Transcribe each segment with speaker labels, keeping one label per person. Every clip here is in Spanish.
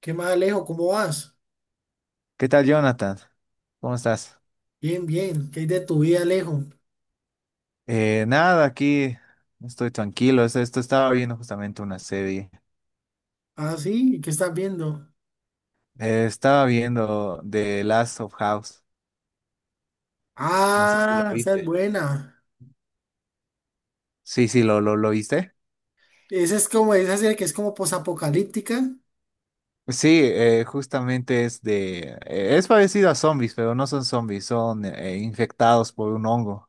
Speaker 1: ¿Qué más, Alejo? ¿Cómo vas?
Speaker 2: ¿Qué tal, Jonathan? ¿Cómo estás?
Speaker 1: Bien, bien. ¿Qué hay de tu vida, Alejo?
Speaker 2: Nada, aquí estoy tranquilo. Esto estaba viendo justamente una serie.
Speaker 1: Ah, sí. ¿Qué estás viendo?
Speaker 2: Estaba viendo The Last of House. No sé si lo
Speaker 1: Ah, esa es
Speaker 2: viste.
Speaker 1: buena.
Speaker 2: Sí, sí, lo viste.
Speaker 1: Esa es como, esa serie que es como posapocalíptica.
Speaker 2: Sí, justamente es de... es parecido a zombies, pero no son zombies, son infectados por un hongo.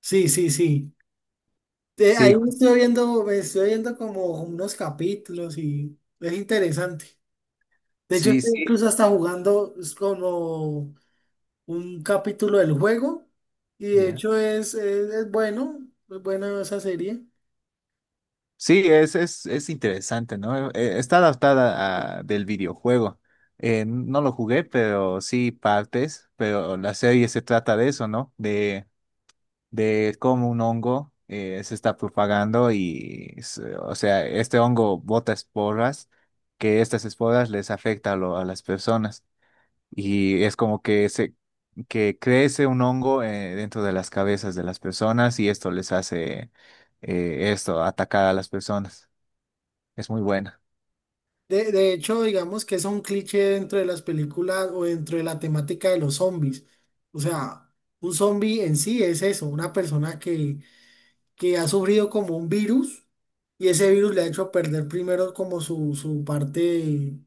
Speaker 1: Sí, sí, sí. Eh,
Speaker 2: Sí,
Speaker 1: ahí
Speaker 2: ju-
Speaker 1: me estoy viendo como unos capítulos y es interesante. De hecho,
Speaker 2: sí,
Speaker 1: estoy
Speaker 2: sí.
Speaker 1: incluso hasta jugando es como un capítulo del juego y de
Speaker 2: Ya.
Speaker 1: hecho es bueno, es buena esa serie.
Speaker 2: Sí, es interesante, ¿no? Está del videojuego. No lo jugué, pero sí partes, pero la serie se trata de eso, ¿no? De cómo un hongo se está propagando o sea, este hongo bota esporas, que estas esporas les afecta a las personas. Y es como que, se, que crece un hongo dentro de las cabezas de las personas y esto les hace atacar a las personas. Es muy buena.
Speaker 1: De hecho, digamos que es un cliché dentro de las películas o dentro de la temática de los zombies. O sea, un zombie en sí es eso, una persona que ha sufrido como un virus y ese virus le ha hecho perder primero como su parte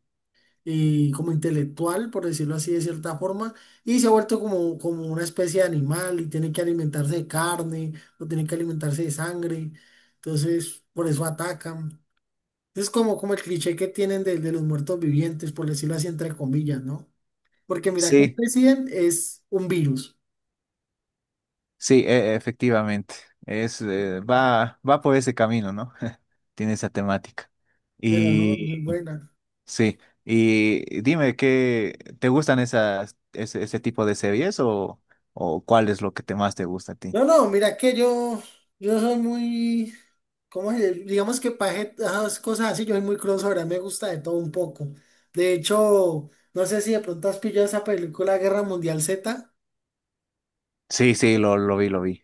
Speaker 1: como intelectual, por decirlo así de cierta forma, y se ha vuelto como, como una especie de animal y tiene que alimentarse de carne o tiene que alimentarse de sangre. Entonces, por eso atacan. Es como, como el cliché que tienen de los muertos vivientes, por decirlo así, entre comillas, ¿no? Porque mira que el
Speaker 2: Sí,
Speaker 1: presidente es un virus,
Speaker 2: efectivamente. Va por ese camino, ¿no? Tiene esa temática.
Speaker 1: pero no, muy
Speaker 2: Y
Speaker 1: buena.
Speaker 2: sí, y dime, ¿qué te gustan ese tipo de series o cuál es lo que te más te gusta a ti?
Speaker 1: No, no, mira que yo soy muy, ¿cómo se dice? Digamos que para esas cosas así, yo soy muy crossover, a mí me gusta de todo un poco. De hecho, no sé si de pronto has pillado esa película Guerra Mundial Z,
Speaker 2: Sí, sí, lo vi, lo vi.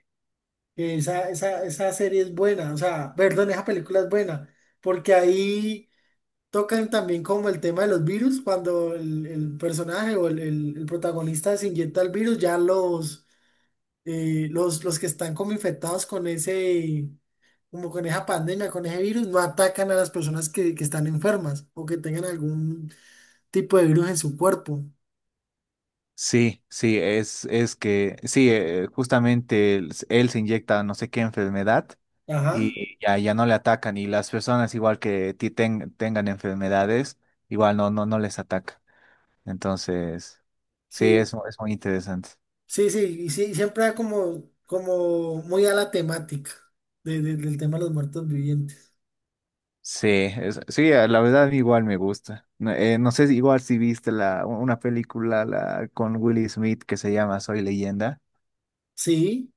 Speaker 1: que esa serie es buena, o sea, perdón, esa película es buena, porque ahí tocan también como el tema de los virus, cuando el personaje o el protagonista se inyecta el virus, ya los que están como infectados con ese, como con esa pandemia, con ese virus, no atacan a las personas que están enfermas o que tengan algún tipo de virus en su cuerpo.
Speaker 2: Sí, sí, sí, justamente él se inyecta no sé qué enfermedad
Speaker 1: Ajá.
Speaker 2: y ya, ya no le atacan y las personas igual que tengan enfermedades, igual no les ataca. Entonces, sí,
Speaker 1: Sí,
Speaker 2: es muy interesante.
Speaker 1: sí, sí, y sí, siempre da como, como muy a la temática del tema de los muertos vivientes.
Speaker 2: Sí, la verdad igual me gusta. No, no sé si igual si viste una película con Will Smith que se llama Soy Leyenda.
Speaker 1: Sí,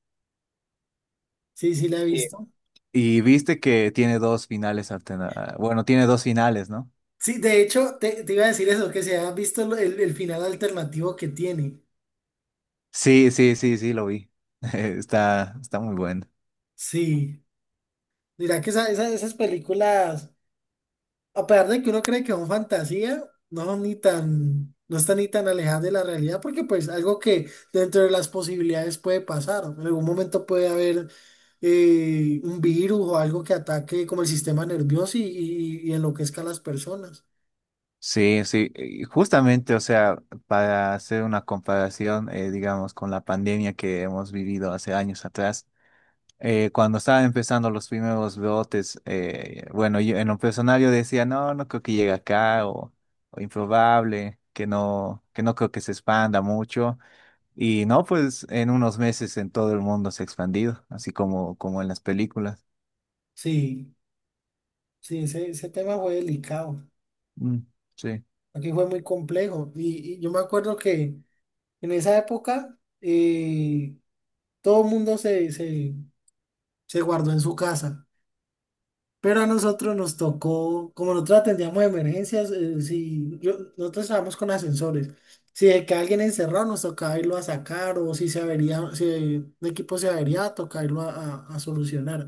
Speaker 1: sí, sí la he
Speaker 2: Sí.
Speaker 1: visto.
Speaker 2: Y viste que tiene bueno, tiene dos finales, ¿no?
Speaker 1: Sí, de hecho, te iba a decir eso, que se ha visto el final alternativo que tiene.
Speaker 2: Sí, sí, sí, sí, lo vi. Está muy bueno.
Speaker 1: Sí. Dirá que esas películas, a pesar de que uno cree que son fantasía, no son ni tan, no están ni tan alejadas de la realidad, porque pues algo que dentro de las posibilidades puede pasar. En algún momento puede haber un virus o algo que ataque como el sistema nervioso y, y enloquezca a las personas.
Speaker 2: Sí, sí, y justamente, o sea, para hacer una comparación, digamos, con la pandemia que hemos vivido hace años atrás, cuando estaban empezando los primeros brotes, bueno, yo en lo personal yo decía, no, no creo que llegue acá, o improbable, que no creo que se expanda mucho, y no, pues en unos meses en todo el mundo se ha expandido, así como, como en las películas.
Speaker 1: Sí, sí, ese tema fue delicado.
Speaker 2: Mm, sí.
Speaker 1: Aquí fue muy complejo. Y y yo me acuerdo que en esa época, todo el mundo se guardó en su casa, pero a nosotros nos tocó, como nosotros atendíamos emergencias, si yo- nosotros estábamos con ascensores. Si de que alguien encerrado nos tocaba irlo a sacar o si se avería, si el equipo se avería, tocaba irlo a, a solucionar.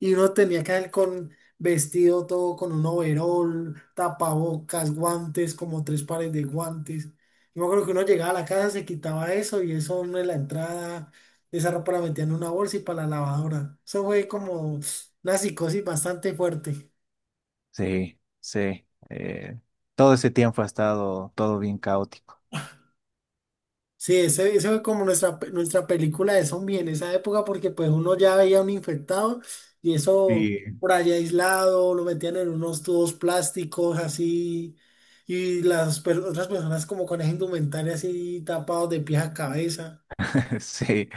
Speaker 1: Y uno tenía que ir con vestido todo, con un overol, tapabocas, guantes, como tres pares de guantes. Yo me acuerdo que uno llegaba a la casa, se quitaba eso y eso uno en la entrada, esa ropa la metía en una bolsa y para la lavadora. Eso fue como una psicosis bastante fuerte.
Speaker 2: Sí, sí. Todo ese tiempo ha estado todo bien caótico.
Speaker 1: Sí, ese fue como nuestra, nuestra película de zombie en esa época, porque pues uno ya veía un infectado y eso
Speaker 2: Y
Speaker 1: por allá aislado, lo metían en unos tubos plásticos así, y otras personas como con esa indumentaria así tapados de pies a cabeza.
Speaker 2: sí,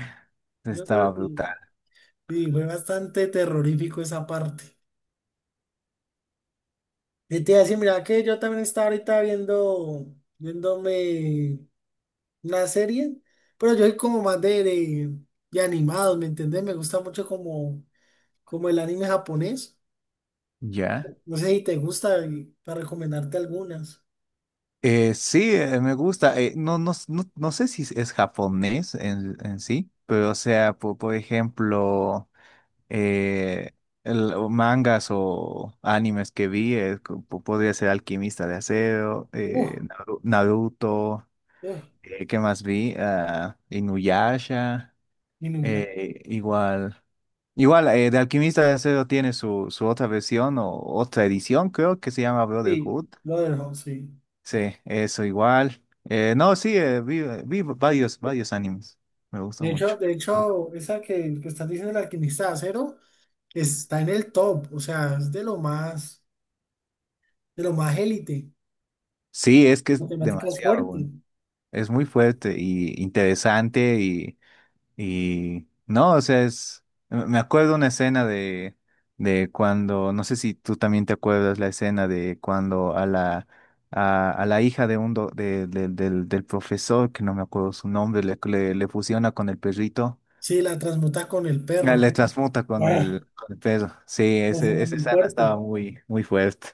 Speaker 1: Yo
Speaker 2: estaba
Speaker 1: creo que
Speaker 2: brutal.
Speaker 1: sí, fue bastante terrorífico esa parte. Y te iba a decir, mira que yo también estaba ahorita viendo, viéndome la serie, pero yo soy como más de animados, ¿me entendés? Me gusta mucho como, como el anime japonés.
Speaker 2: ¿Ya?
Speaker 1: No sé si te gusta y para recomendarte algunas.
Speaker 2: Sí, me gusta. No sé si es japonés en sí, pero o sea, por ejemplo... eh, o mangas o animes que vi, podría ser Alquimista de Acero,
Speaker 1: Uf,
Speaker 2: Naruto,
Speaker 1: uf,
Speaker 2: ¿qué más vi? Ah, Inuyasha,
Speaker 1: Inuyasha.
Speaker 2: igual. Igual, de Alquimista de Acero tiene su otra versión o otra edición, creo que se llama
Speaker 1: Sí,
Speaker 2: Brotherhood.
Speaker 1: lo dejo, sí.
Speaker 2: Sí, eso igual. No, sí, vi, vi varios, varios animes. Me gusta
Speaker 1: De hecho,
Speaker 2: mucho.
Speaker 1: de hecho, esa que estás diciendo, el alquimista de acero, está en el top, o sea, es de lo más élite.
Speaker 2: Sí, es que es
Speaker 1: La temática es
Speaker 2: demasiado
Speaker 1: fuerte.
Speaker 2: bueno. Es muy fuerte y interesante y no, o sea, es, me acuerdo una escena de cuando, no sé si tú también te acuerdas la escena de cuando a la hija de un del profesor, que no me acuerdo su nombre, le fusiona con el perrito,
Speaker 1: Sí, la transmuta con el
Speaker 2: ah,
Speaker 1: perro.
Speaker 2: le transmuta
Speaker 1: Ah,
Speaker 2: con el perro. Sí,
Speaker 1: la
Speaker 2: ese,
Speaker 1: escena es
Speaker 2: esa
Speaker 1: muy
Speaker 2: escena
Speaker 1: fuerte.
Speaker 2: estaba muy, muy fuerte.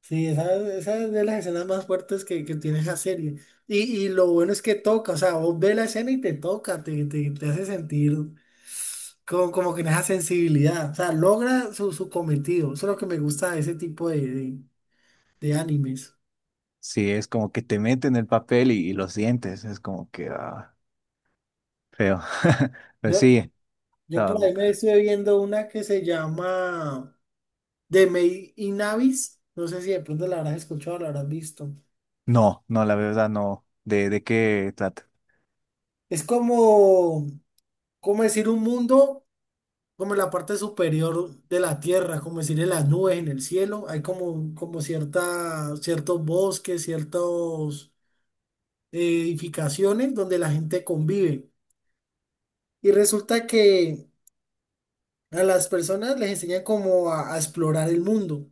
Speaker 1: Sí, esa es de las escenas más fuertes que tiene esa serie. Y, y lo bueno es que toca, o sea, vos ves la escena y te toca, te hace sentir como, como que en esa sensibilidad, o sea, logra su, su cometido. Eso es lo que me gusta de ese tipo de animes.
Speaker 2: Sí, es como que te meten el papel y lo sientes, es como que ah, feo. Pues
Speaker 1: Yo,
Speaker 2: sí.
Speaker 1: yo por
Speaker 2: No,
Speaker 1: ahí me estuve viendo una que se llama The Maid in Abyss. No sé si de pronto la habrás escuchado o la habrás visto.
Speaker 2: no, no, la verdad no. De qué trata?
Speaker 1: Es como, como decir un mundo, como en la parte superior de la tierra, como decir en las nubes, en el cielo, hay como, como cierta, ciertos bosques, ciertas edificaciones donde la gente convive. Y resulta que a las personas les enseñan como a explorar el mundo.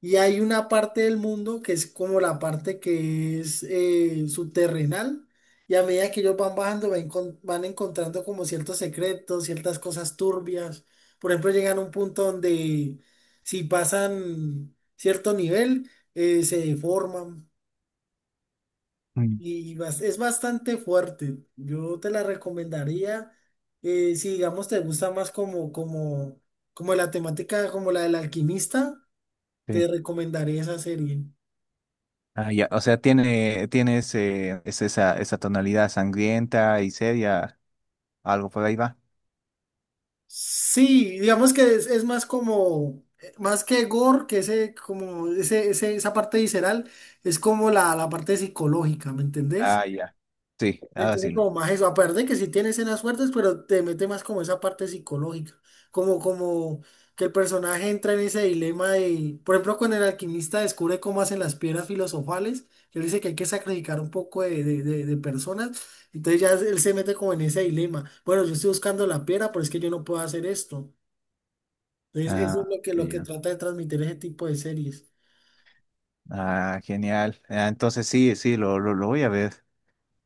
Speaker 1: Y hay una parte del mundo que es como la parte que es subterrenal. Y a medida que ellos van bajando, van encontrando como ciertos secretos, ciertas cosas turbias. Por ejemplo, llegan a un punto donde si pasan cierto nivel, se deforman.
Speaker 2: Mm.
Speaker 1: Y es bastante fuerte. Yo te la recomendaría, si digamos te gusta más como, como, como la temática, como la del alquimista,
Speaker 2: Sí.
Speaker 1: te recomendaría esa serie.
Speaker 2: Ah, ya. O sea, tiene, tiene ese, es esa, esa tonalidad sangrienta y seria, algo por ahí va.
Speaker 1: Sí, digamos que es más como, más que gore, que ese, como ese, esa parte visceral, es como la parte psicológica, ¿me entendés?
Speaker 2: Ah, ya. Sí,
Speaker 1: Le
Speaker 2: ahora
Speaker 1: tiene
Speaker 2: sí.
Speaker 1: como más eso, aparte de que sí tiene escenas fuertes, pero te mete más como esa parte psicológica, como, como que el personaje entra en ese dilema de, por ejemplo, cuando el alquimista descubre cómo hacen las piedras filosofales, que él dice que hay que sacrificar un poco de personas, entonces ya él se mete como en ese dilema, bueno, yo estoy buscando la piedra, pero es que yo no puedo hacer esto. Entonces, eso es
Speaker 2: Ah,
Speaker 1: lo que
Speaker 2: ya.
Speaker 1: trata de transmitir ese tipo de series.
Speaker 2: Ah, genial. Ah, entonces sí, sí, lo voy a ver.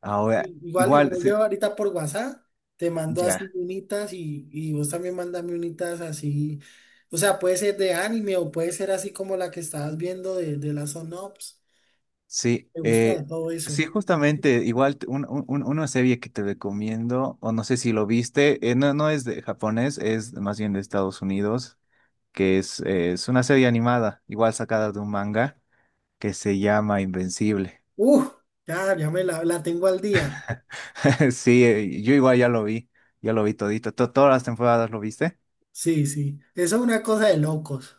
Speaker 2: Ahora,
Speaker 1: I- Igual,
Speaker 2: igual,
Speaker 1: igual yo
Speaker 2: sí,
Speaker 1: ahorita por WhatsApp te mando así
Speaker 2: ya.
Speaker 1: unitas y vos también mandame unitas así. O sea, puede ser de anime o puede ser así como la que estabas viendo de las Ops.
Speaker 2: Sí,
Speaker 1: Me gusta de todo eso.
Speaker 2: sí, justamente, igual una serie que te recomiendo, o no sé si lo viste, no, no es de japonés, es más bien de Estados Unidos, que es una serie animada, igual sacada de un manga, que se llama Invencible.
Speaker 1: Uf, ya, ya me la tengo al día.
Speaker 2: Sí, yo igual ya lo vi todito, todas las temporadas lo viste.
Speaker 1: Sí, sí. Eso es una cosa de locos.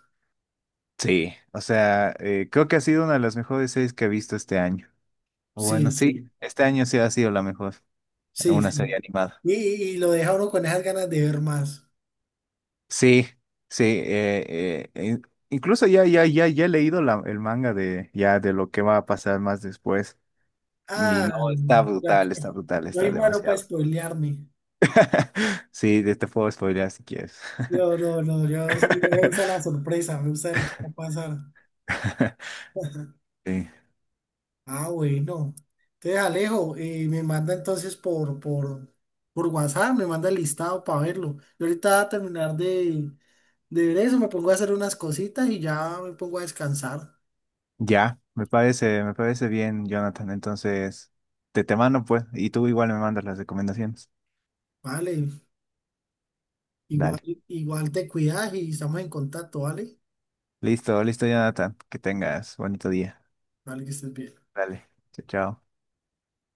Speaker 2: Sí, o sea, creo que ha sido una de las mejores series que he visto este año.
Speaker 1: Sí,
Speaker 2: Bueno, sí,
Speaker 1: sí,
Speaker 2: este año sí ha sido la mejor,
Speaker 1: sí,
Speaker 2: una serie
Speaker 1: sí.
Speaker 2: animada.
Speaker 1: Y lo deja uno con esas ganas de ver más.
Speaker 2: Sí, sí, incluso ya he leído el manga de, ya, de lo que va a pasar más después. Y
Speaker 1: Ah,
Speaker 2: no, está
Speaker 1: ya que
Speaker 2: brutal, está brutal,
Speaker 1: soy
Speaker 2: está
Speaker 1: malo para
Speaker 2: demasiado.
Speaker 1: spoilearme.
Speaker 2: Sí, te puedo spoilear si quieres.
Speaker 1: No, no, no, yo sí me gusta la sorpresa, me gusta ver qué va a pasar.
Speaker 2: Sí,
Speaker 1: Ah, bueno. Entonces, Alejo, me manda entonces por WhatsApp, me manda el listado para verlo. Yo ahorita voy a terminar de ver eso, me pongo a hacer unas cositas y ya me pongo a descansar.
Speaker 2: ya, me parece bien, Jonathan. Entonces, te mando pues, y tú igual me mandas las recomendaciones.
Speaker 1: Vale, igual,
Speaker 2: Dale.
Speaker 1: igual te cuidas y estamos en contacto, ¿vale?
Speaker 2: Listo, listo, Jonathan. Que tengas bonito día.
Speaker 1: Vale, que estés bien.
Speaker 2: Dale. Chao, chao.